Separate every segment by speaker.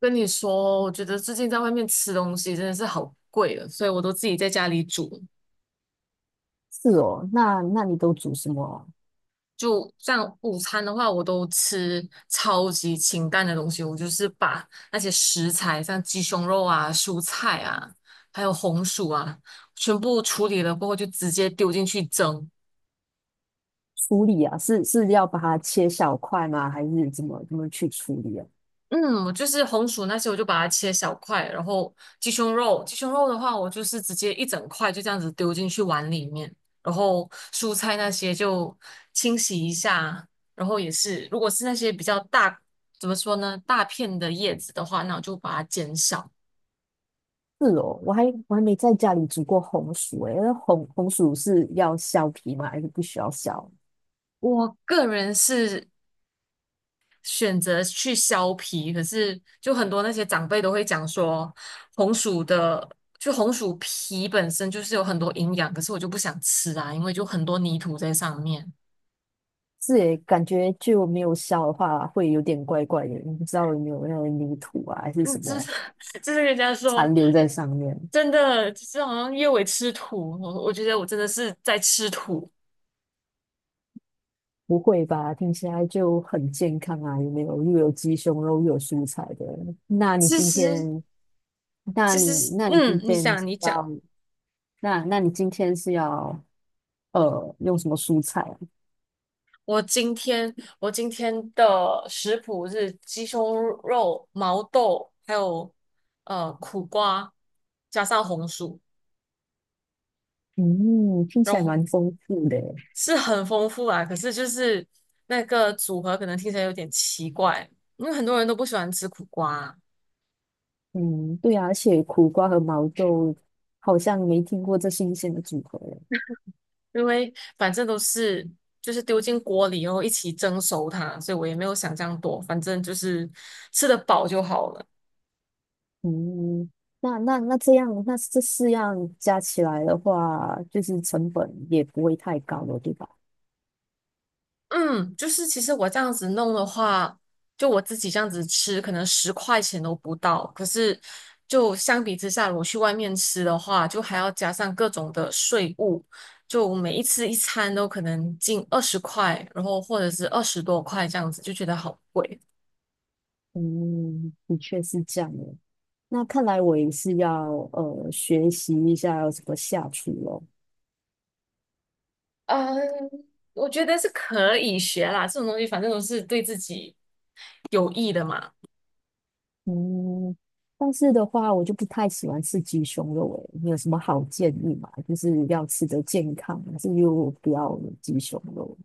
Speaker 1: 跟你说，我觉得最近在外面吃东西真的是好贵了，所以我都自己在家里煮。
Speaker 2: 是哦，那你都煮什么
Speaker 1: 就像午餐的话，我都吃超级清淡的东西，我就是把那些食材，像鸡胸肉啊、蔬菜啊，还有红薯啊，全部处理了过后就直接丢进去蒸。
Speaker 2: 处理啊？是要把它切小块吗？还是怎么去处理啊？
Speaker 1: 嗯，我就是红薯那些，我就把它切小块，然后鸡胸肉的话，我就是直接一整块就这样子丢进去碗里面，然后蔬菜那些就清洗一下，然后也是，如果是那些比较大，怎么说呢，大片的叶子的话，那我就把它减少。
Speaker 2: 是哦，我还没在家里煮过红薯诶，那红薯是要削皮吗？还是不需要削？
Speaker 1: 我个人是选择去削皮，可是就很多那些长辈都会讲说，红薯的就红薯皮本身就是有很多营养，可是我就不想吃啊，因为就很多泥土在上面。
Speaker 2: 是诶，感觉就没有削的话会有点怪怪的，你不知道有没有那个泥土啊，还是什
Speaker 1: 嗯，就
Speaker 2: 么
Speaker 1: 是就是人家说
Speaker 2: 残留在上面？
Speaker 1: 真的，就是好像叶伟吃土，我觉得我真的是在吃土。
Speaker 2: 不会吧？听起来就很健康啊，有没有？又有鸡胸肉，又有蔬菜的。那你
Speaker 1: 其
Speaker 2: 今
Speaker 1: 实
Speaker 2: 天那
Speaker 1: 其实，
Speaker 2: 你那你今
Speaker 1: 嗯，你
Speaker 2: 天是
Speaker 1: 想你讲。
Speaker 2: 要那那你今天是要用什么蔬菜啊？
Speaker 1: 我今天我今天的食谱是鸡胸肉、毛豆，还有苦瓜，加上红薯，
Speaker 2: 嗯，听起
Speaker 1: 然
Speaker 2: 来
Speaker 1: 后
Speaker 2: 蛮丰富的耶。
Speaker 1: 是很丰富啊。可是就是那个组合可能听起来有点奇怪，因为很多人都不喜欢吃苦瓜，
Speaker 2: 嗯，对啊，而且苦瓜和毛豆好像没听过这新鲜的组合耶。
Speaker 1: 因为反正都是就是丢进锅里然后一起蒸熟它，所以我也没有想这样多，反正就是吃得饱就好了。
Speaker 2: 嗯，那这样，那这四样加起来的话，就是成本也不会太高了，对吧？
Speaker 1: 嗯，就是其实我这样子弄的话，就我自己这样子吃，可能十块钱都不到。可是就相比之下，我去外面吃的话，就还要加上各种的税务，就每一次一餐都可能近20块，然后或者是20多块这样子，就觉得好贵。
Speaker 2: 嗯，的确是这样的。那看来我也是要学习一下要怎么下厨咯。
Speaker 1: 嗯，我觉得是可以学啦，这种东西反正都是对自己有益的嘛。
Speaker 2: 嗯，但是的话，我就不太喜欢吃鸡胸肉诶，你有什么好建议吗？就是要吃的健康，还是又不要有鸡胸肉？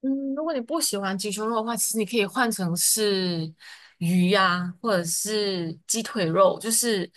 Speaker 1: 嗯，如果你不喜欢鸡胸肉的话，其实你可以换成是鱼呀、或者是鸡腿肉，就是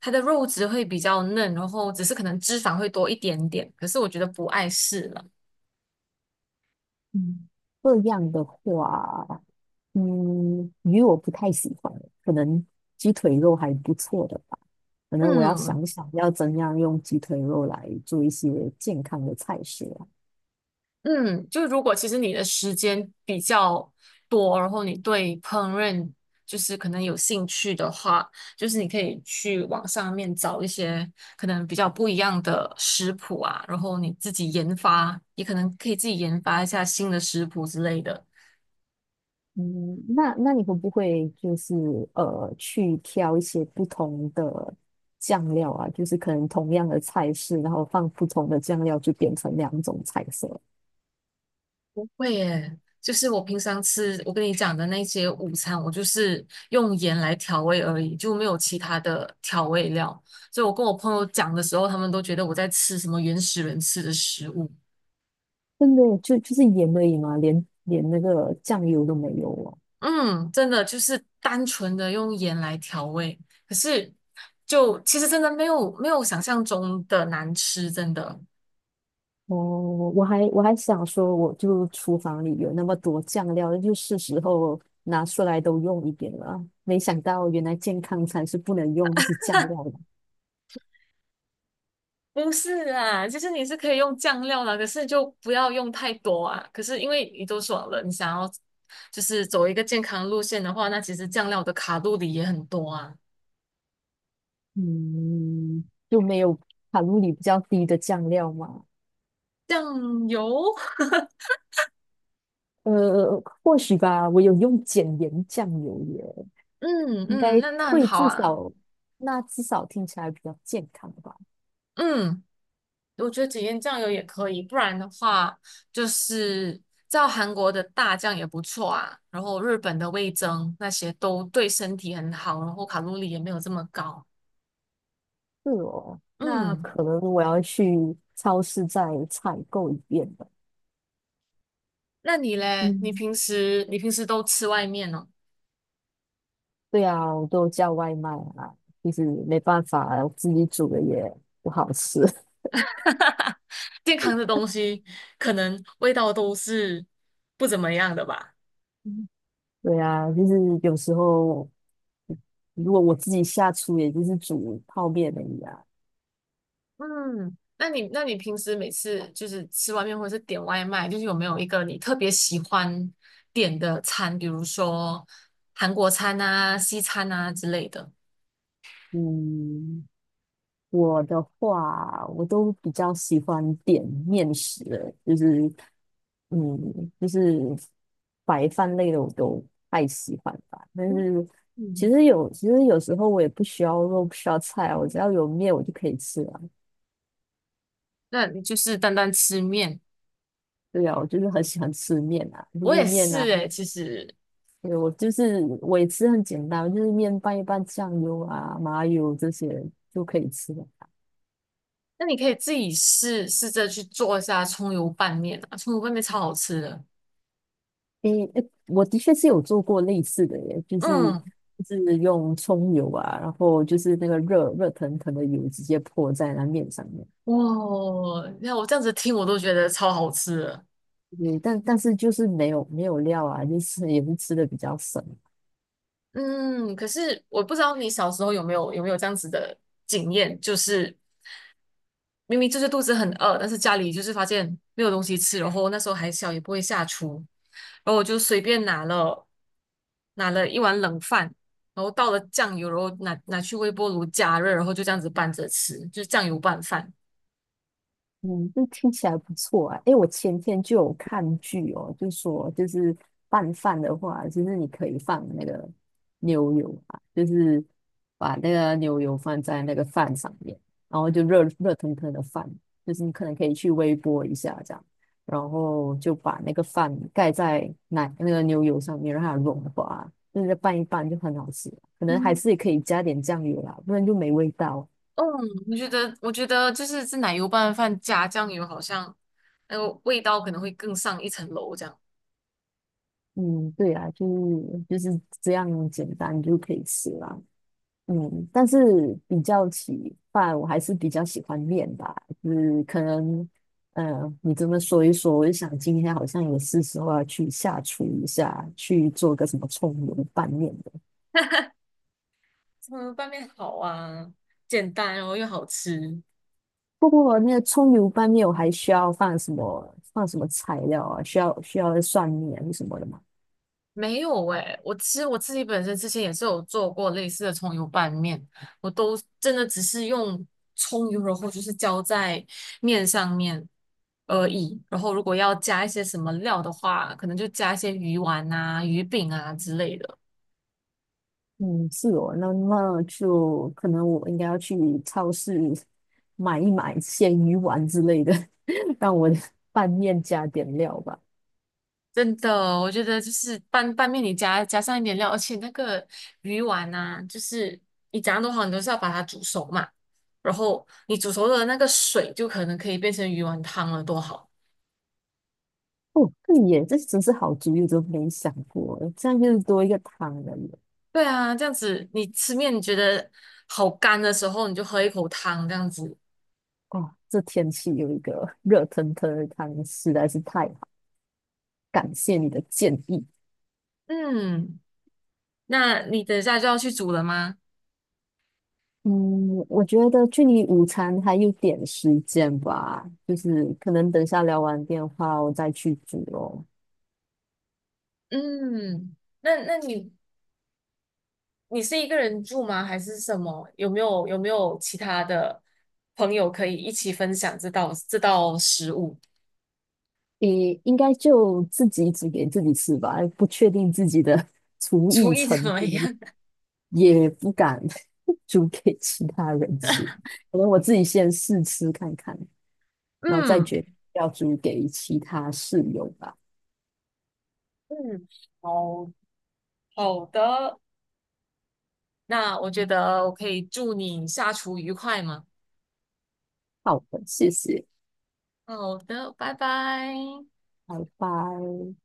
Speaker 1: 它的肉质会比较嫩，然后只是可能脂肪会多一点点，可是我觉得不碍事了。
Speaker 2: 嗯，这样的话，嗯，鱼我不太喜欢，可能鸡腿肉还不错的吧。可能我要
Speaker 1: 嗯，
Speaker 2: 想想要怎样用鸡腿肉来做一些健康的菜式。
Speaker 1: 嗯，就是如果其实你的时间比较多，然后你对烹饪就是可能有兴趣的话，就是你可以去网上面找一些可能比较不一样的食谱啊，然后你自己研发，也可能可以自己研发一下新的食谱之类的。
Speaker 2: 嗯，那你会不会就是去挑一些不同的酱料啊？就是可能同样的菜式，然后放不同的酱料，就变成两种菜色。
Speaker 1: 会耶，就是我平常吃我跟你讲的那些午餐，我就是用盐来调味而已，就没有其他的调味料。所以我跟我朋友讲的时候，他们都觉得我在吃什么原始人吃的食物。
Speaker 2: 真的就是盐而已嘛，连那个酱油都没有哦。
Speaker 1: 嗯，真的就是单纯的用盐来调味，可是就其实真的没有想象中的难吃，真的。
Speaker 2: 哦，我还想说，我就厨房里有那么多酱料，就是时候拿出来都用一点了。没想到原来健康餐是不能用这些酱料的。
Speaker 1: 不是啊，其实你是可以用酱料啦，可是就不要用太多啊。可是因为你都说了，你想要就是走一个健康路线的话，那其实酱料的卡路里也很多啊。
Speaker 2: 嗯，就没有卡路里比较低的酱料吗？
Speaker 1: 酱油，
Speaker 2: 呃，或许吧，我有用减盐酱油耶，
Speaker 1: 嗯
Speaker 2: 应
Speaker 1: 嗯，
Speaker 2: 该
Speaker 1: 那很
Speaker 2: 会
Speaker 1: 好
Speaker 2: 至
Speaker 1: 啊。
Speaker 2: 少，那至少听起来比较健康吧。
Speaker 1: 嗯，我觉得只腌酱油也可以，不然的话就是照韩国的大酱也不错啊，然后日本的味增那些都对身体很好，然后卡路里也没有这么高。
Speaker 2: 是哦，那
Speaker 1: 嗯。
Speaker 2: 可能我要去超市再采购一遍吧。
Speaker 1: 那你嘞？你
Speaker 2: 嗯，
Speaker 1: 平时你平时都吃外面哦？
Speaker 2: 对啊，我都叫外卖啊，就是没办法，自己煮的也不好吃。
Speaker 1: 健康的东西可能味道都是不怎么样的吧？
Speaker 2: 嗯，对啊，就是有时候如果我自己下厨，也就是煮泡面而已啊。
Speaker 1: 嗯，那你平时每次就是吃外面或者是点外卖，就是有没有一个你特别喜欢点的餐，比如说韩国餐啊、西餐啊之类的？
Speaker 2: 嗯，我的话，我都比较喜欢点面食了，就是嗯，就是白饭类的我都太喜欢吧。但是其
Speaker 1: 嗯，
Speaker 2: 实有，其实有时候我也不需要肉，不需要菜啊，我只要有面我就可以吃了。
Speaker 1: 那你就是单单吃面，
Speaker 2: 对啊，我就是很喜欢吃面啊，就
Speaker 1: 我
Speaker 2: 是
Speaker 1: 也
Speaker 2: 面啊，
Speaker 1: 是诶，其实
Speaker 2: 对，我就是我也吃很简单，就是面拌一拌酱油啊、麻油这些就可以吃了。
Speaker 1: 那你可以自己试试着去做一下葱油拌面啊，葱油拌面超好吃的。
Speaker 2: 诶，诶我的确是有做过类似的耶，
Speaker 1: 嗯，
Speaker 2: 就是用葱油啊，然后就是那个热热腾腾的油直接泼在那面上面，
Speaker 1: 哇，你看我这样子听我都觉得超好吃的。
Speaker 2: 对，但是就是没有料啊，就是也是吃的比较省。
Speaker 1: 嗯，可是我不知道你小时候有没有这样子的经验，就是明明就是肚子很饿，但是家里就是发现没有东西吃，然后那时候还小也不会下厨，然后我就随便拿了一碗冷饭。然后倒了酱油，然后拿去微波炉加热，然后就这样子拌着吃，就是酱油拌饭。
Speaker 2: 嗯，这听起来不错啊！诶，我前天就有看剧哦，就说就是拌饭的话，就是你可以放那个牛油啊，就是把那个牛油放在那个饭上面，然后就热热腾腾的饭，就是你可能可以去微波一下这样，然后就把那个饭盖在那个牛油上面，让它融化，就是拌一拌就很好吃。可能还是可以加点酱油啦，不然就没味道。
Speaker 1: 嗯，我觉得就是这奶油拌饭加酱油，好像那个味道可能会更上一层楼这样。
Speaker 2: 嗯，对啊，就是这样简单就可以吃啦。嗯，但是比较起饭，我还是比较喜欢面吧。就是可能，呃，你这么说一说，我就想今天好像也是时候要去下厨一下，去做个什么葱油拌面的。
Speaker 1: 这个拌面好啊，简单然后又好吃。
Speaker 2: 不过那个葱油拌面，我还需要放什么材料啊？需要蒜泥啊什么的吗？
Speaker 1: 没有诶、我其实我自己本身之前也是有做过类似的葱油拌面，我都真的只是用葱油，然后就是浇在面上面而已。然后如果要加一些什么料的话，可能就加一些鱼丸啊、鱼饼啊之类的。
Speaker 2: 嗯，是哦，那那就可能我应该要去超市买鲜鱼丸之类的，让我的拌面加点料吧。
Speaker 1: 真的，我觉得就是拌面，你加上一点料，而且那个鱼丸呐、就是你怎样都好，你都是要把它煮熟嘛。然后你煮熟的那个水，就可能可以变成鱼丸汤了，多好！
Speaker 2: 哦，对耶，这真是好主意，我都没想过，这样就是多一个汤了耶。
Speaker 1: 对啊，这样子你吃面你觉得好干的时候，你就喝一口汤这样子。
Speaker 2: 哦，这天气有一个 热腾腾的汤实在是太好，感谢你的建议。
Speaker 1: 嗯，那你等一下就要去煮了吗？
Speaker 2: 嗯，我觉得距离午餐还有点时间吧，就是可能等下聊完电话我再去煮哦。
Speaker 1: 嗯，那你是一个人住吗？还是什么？有没有其他的朋友可以一起分享这道食物？
Speaker 2: 诶，应该就自己煮给自己吃吧，不确定自己的 厨
Speaker 1: 厨
Speaker 2: 艺
Speaker 1: 艺怎
Speaker 2: 程
Speaker 1: 么样？
Speaker 2: 度，也不敢 煮给其他人吃。可能我自己先试吃看看，然后再
Speaker 1: 嗯
Speaker 2: 决定要煮给其他室友吧。
Speaker 1: 嗯，好好的，那我觉得我可以祝你下厨愉快嘛。
Speaker 2: 好的，谢谢，
Speaker 1: 好的，拜拜。
Speaker 2: 拜拜。